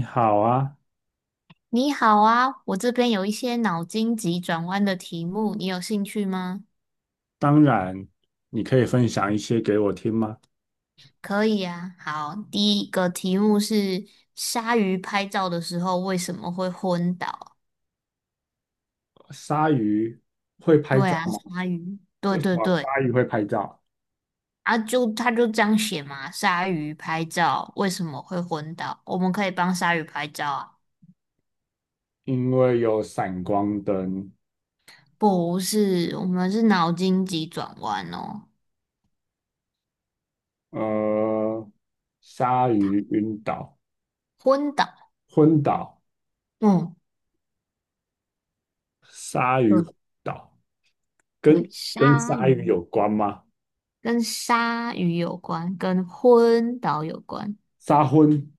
你好啊，你好啊，我这边有一些脑筋急转弯的题目，你有兴趣吗？当然，你可以分享一些给我听吗？可以啊，好，第一个题目是鲨鱼拍照的时候为什么会昏倒？鲨鱼会拍对照啊，吗？鲨鱼，对为什对么对，鲨鱼会拍照？啊就他就这样写嘛，鲨鱼拍照为什么会昏倒？我们可以帮鲨鱼拍照啊？因为有闪光灯。不是，我们是脑筋急转弯哦，呃，鲨鱼晕倒、昏倒，昏倒，嗯，鲨鱼对昏倒跟对，鲨鲨鱼鱼。有关吗？跟鲨鱼有关，跟昏倒有关。杀昏、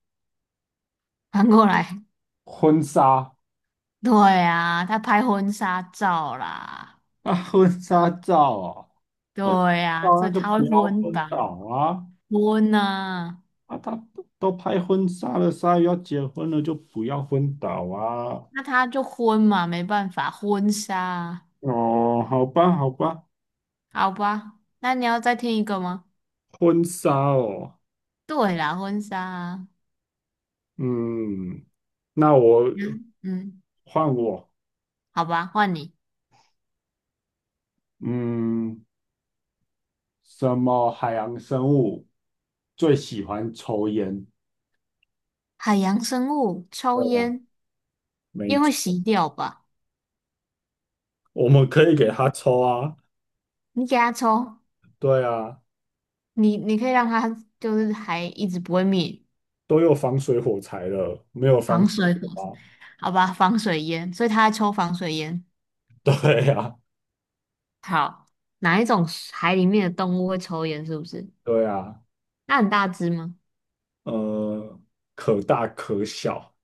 翻过来，婚纱 对啊，他拍婚纱照啦，啊，婚纱照啊，对婚纱啊，照所那以就他会不要昏昏倒倒，啊。昏啊，啊，他都拍婚纱了，鲨鱼要结婚了，就不要昏倒啊！那他就昏嘛，没办法，婚纱啊。哦，好吧，好吧，好吧，那你要再听一个吗？婚纱哦，对啦，婚纱啊。嗯，那我嗯嗯，换我，好吧，换你。嗯，什么海洋生物最喜欢抽烟？海洋生物对抽啊，烟，没烟会错，熄掉吧？我们可以给他抽啊，你给它抽，对啊，你可以让它就是还一直不会灭。都有防水火柴了，没有防防水水火，火吗？好吧，防水烟，所以他在抽防水烟。对呀，好，哪一种海里面的动物会抽烟？是不是？对呀，那很大只吗？呃，可大可小。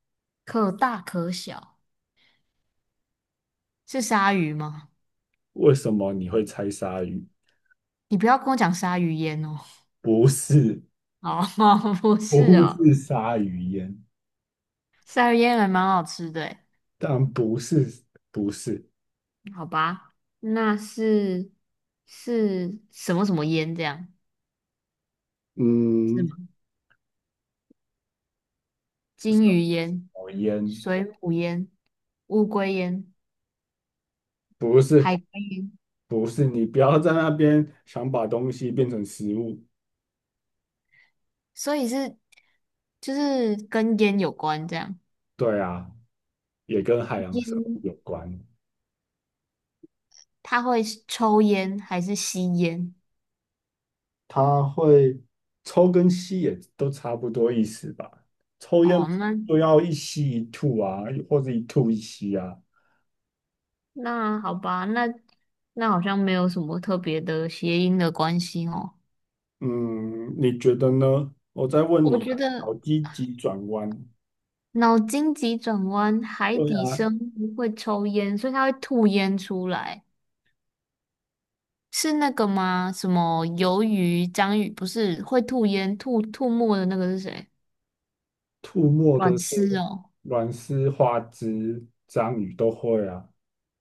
可大可小，是鲨鱼吗？为什么你会猜鲨鱼？你不要跟我讲鲨鱼烟哦。不是，哦，不 是不哦，是鲨鱼烟，鲨鱼烟还蛮好吃的诶。但不是，不是，好吧，那是是什么烟这样？是嗯，吗？金鱼什烟、么烟？水母烟、乌龟烟、不海是，龟烟。不是，你不要在那边想把东西变成食物。所以是就是跟烟有关这样。对啊，也跟海洋生物烟，有关，他会抽烟还是吸烟？它会抽跟吸也都差不多意思吧？抽烟哦，那就要一吸一吐啊，或者一吐一吸啊。那好吧，那好像没有什么特别的谐音的关系哦。嗯，你觉得呢？我再问我你觉啊，好得积极转弯。脑筋急转弯，海对底啊，生物会抽烟，所以它会吐烟出来，是那个吗？什么鱿鱼、章鱼不是会吐烟、吐吐沫的那个是谁？吐沫的阮是丝哦。软丝、花枝、章鱼都会啊，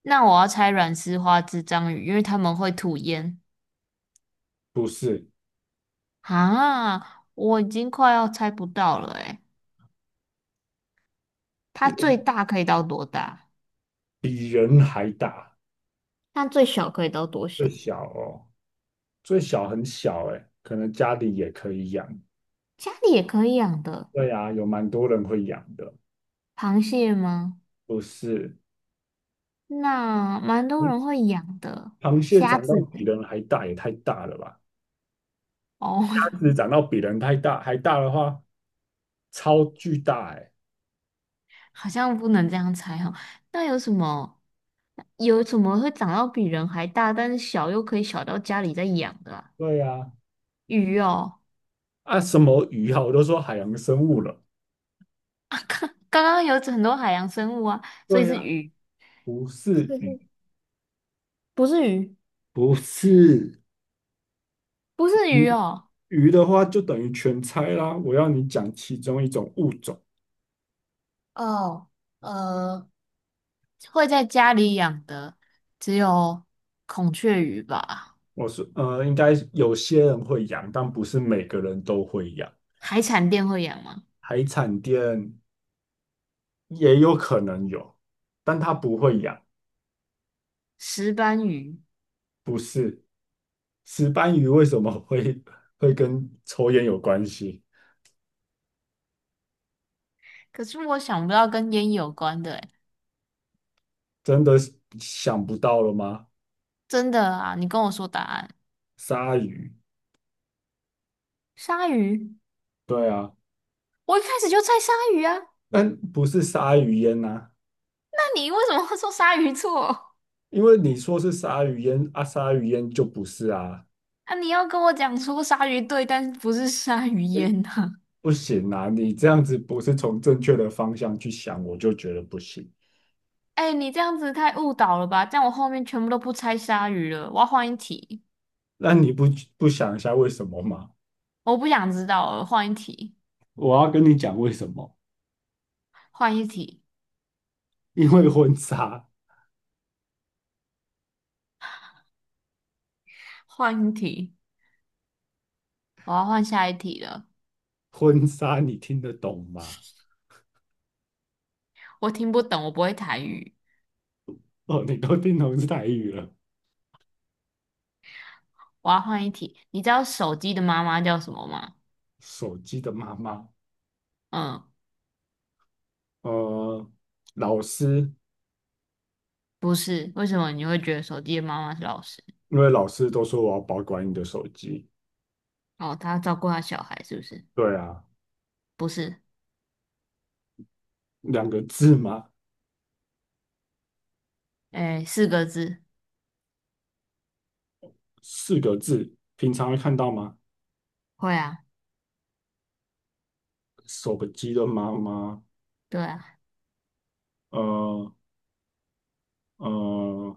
那我要猜软丝花枝章鱼，因为他们会吐烟。不是啊，我已经快要猜不到了诶，它最大可以到多大？比人还大，那最小可以到多最小？小哦，最小很小哎，可能家里也可以养。家里也可以养的，对啊，有蛮多人会养的，螃蟹吗？不是？那蛮多人螃会养的，螃蟹虾长到子。比人还大，也太大了吧？鸭哦，子长到比人太大还大的话，超巨大哎。好像不能这样猜哦。那有什么会长到比人还大，但是小又可以小到家里在养的啊？对呀、鱼哦，啊，什么鱼啊？我都说海洋生物了。刚刚有很多海洋生物啊，所以对是呀、鱼。不是就鱼，是。不是鱼，不是不是鱼鱼，哦，鱼的话就等于全猜啦。我要你讲其中一种物种。哦，呃，会在家里养的只有孔雀鱼吧？我是应该有些人会养，但不是每个人都会养。海产店会养吗？海产店也有可能有，但他不会养。石斑鱼，不是石斑鱼为什么会跟抽烟有关系？可是我想不到跟烟有关的诶，真的是想不到了吗？真的啊，你跟我说答案。鲨鱼，鲨鱼，对啊，我一开始就猜鲨鱼啊，但不是鲨鱼烟呐、那你为什么会说鲨鱼错？因为你说是鲨鱼烟啊，鲨鱼烟就不是啊，啊，你要跟我讲说鲨鱼对，但是不是鲨鱼哎，烟呢、啊？不行啊，你这样子不是从正确的方向去想，我就觉得不行。哎，你这样子太误导了吧？这样我后面全部都不猜鲨鱼了，我要换一题。那你不想一下为什么吗？我不想知道了，换一题，我要跟你讲为什么，换一题，因为婚纱，换一题，我要换下一题了。婚纱你听得懂吗？我听不懂，我不会台语，哦，你都听懂是台语了，我要换一题。你知道手机的妈妈叫什么吗？手机的妈妈，嗯，呃，老师，不是，为什么你会觉得手机的妈妈是老师？因为老师都说我要保管你的手机，哦，她照顾她小孩是不是？对啊，不是，两个字嘛。诶，四个字，四个字，平常会看到吗？会啊，手机的妈妈，对啊，呃呃，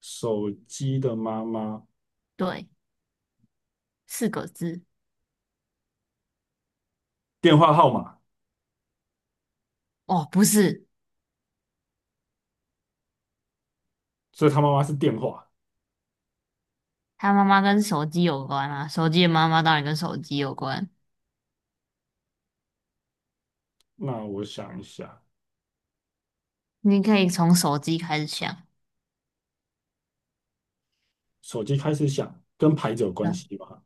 手机的妈妈，对，四个字。电话号码，哦，不是，所以他妈妈是电话。她妈妈跟手机有关啊，手机的妈妈当然跟手机有关。那我想一下，你可以从手机开始想。手机开始响，跟牌子有关系吧？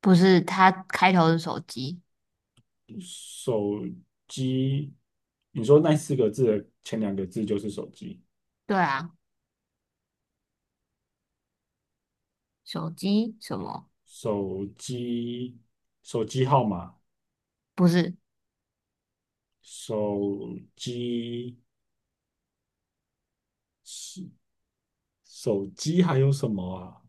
不是，他开头是手机。手机，你说那四个字的前两个字就是手机，对啊，手机什么？手机，手机号码，不是，手机，手手机还有什么啊？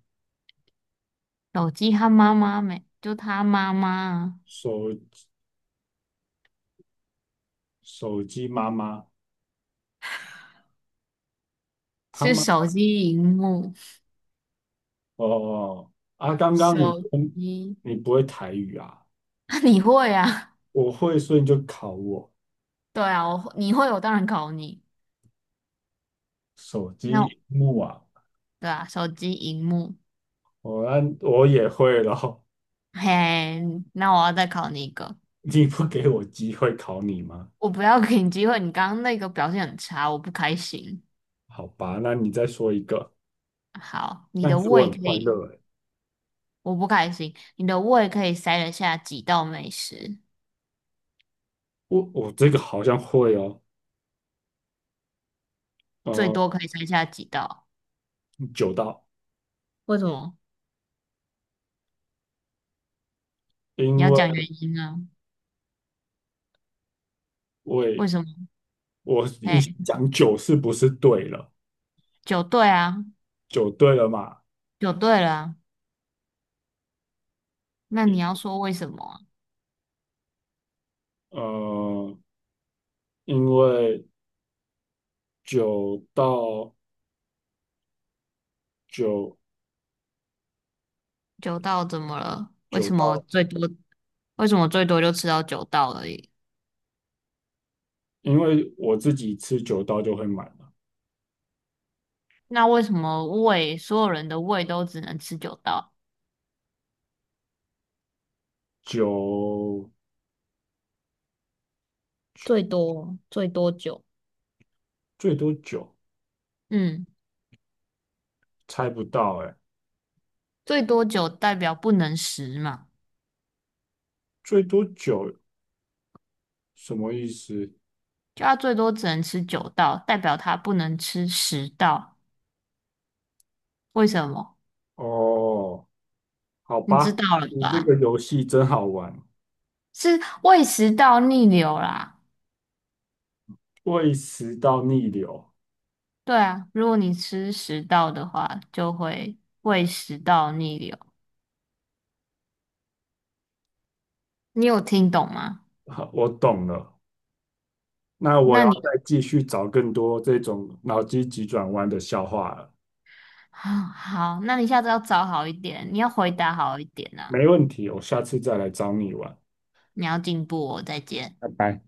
手机他妈妈没，就他妈妈啊手手机妈妈，他是妈手机荧幕，哦哦哦啊，刚刚你说手机。你不会台语啊，你会啊？我会，所以你就考我对啊，我你会，我当然考你。手那我机荧幕啊，对啊，手机荧幕。那我也会咯，嘿，那我要再考你一个。你不给我机会考你吗？我不要给你机会，你刚刚那个表现很差，我不开心。好吧，那你再说一个，好，你但的是我胃很可快以，乐诶，我不开心。你的胃可以塞得下几道美食？我这个好像会哦，最呃，多可以猜下几道？九道，为什么？你因要讲为原因啊？我也为什么？我你先哎，讲九是不是对了？九对啊，九对了嘛？九对了啊那你要说为什么啊？呃，因为九到九九道怎么了？为九什么到，最多？为什么最多就吃到九道而已？因为我自己吃九刀就会满了，那为什么胃所有人的胃都只能吃九道？九最多最多九，最多九，嗯，猜不到哎、最多九代表不能十嘛，最多九什么意思？就他最多只能吃九道，代表他不能吃十道。为什么？哦，好你知吧，道了你这吧？个游戏真好玩，是胃食道逆流啦。胃食到逆流，对啊，如果你吃食道的话，就会胃食道逆流。你有听懂吗？好我懂了。那我那要你 再继续找更多这种脑筋急转弯的笑话了。啊好，那你下次要找好一点，你要回答好一点啊，没问题，我下次再来找你玩。你要进步哦，再见。拜拜。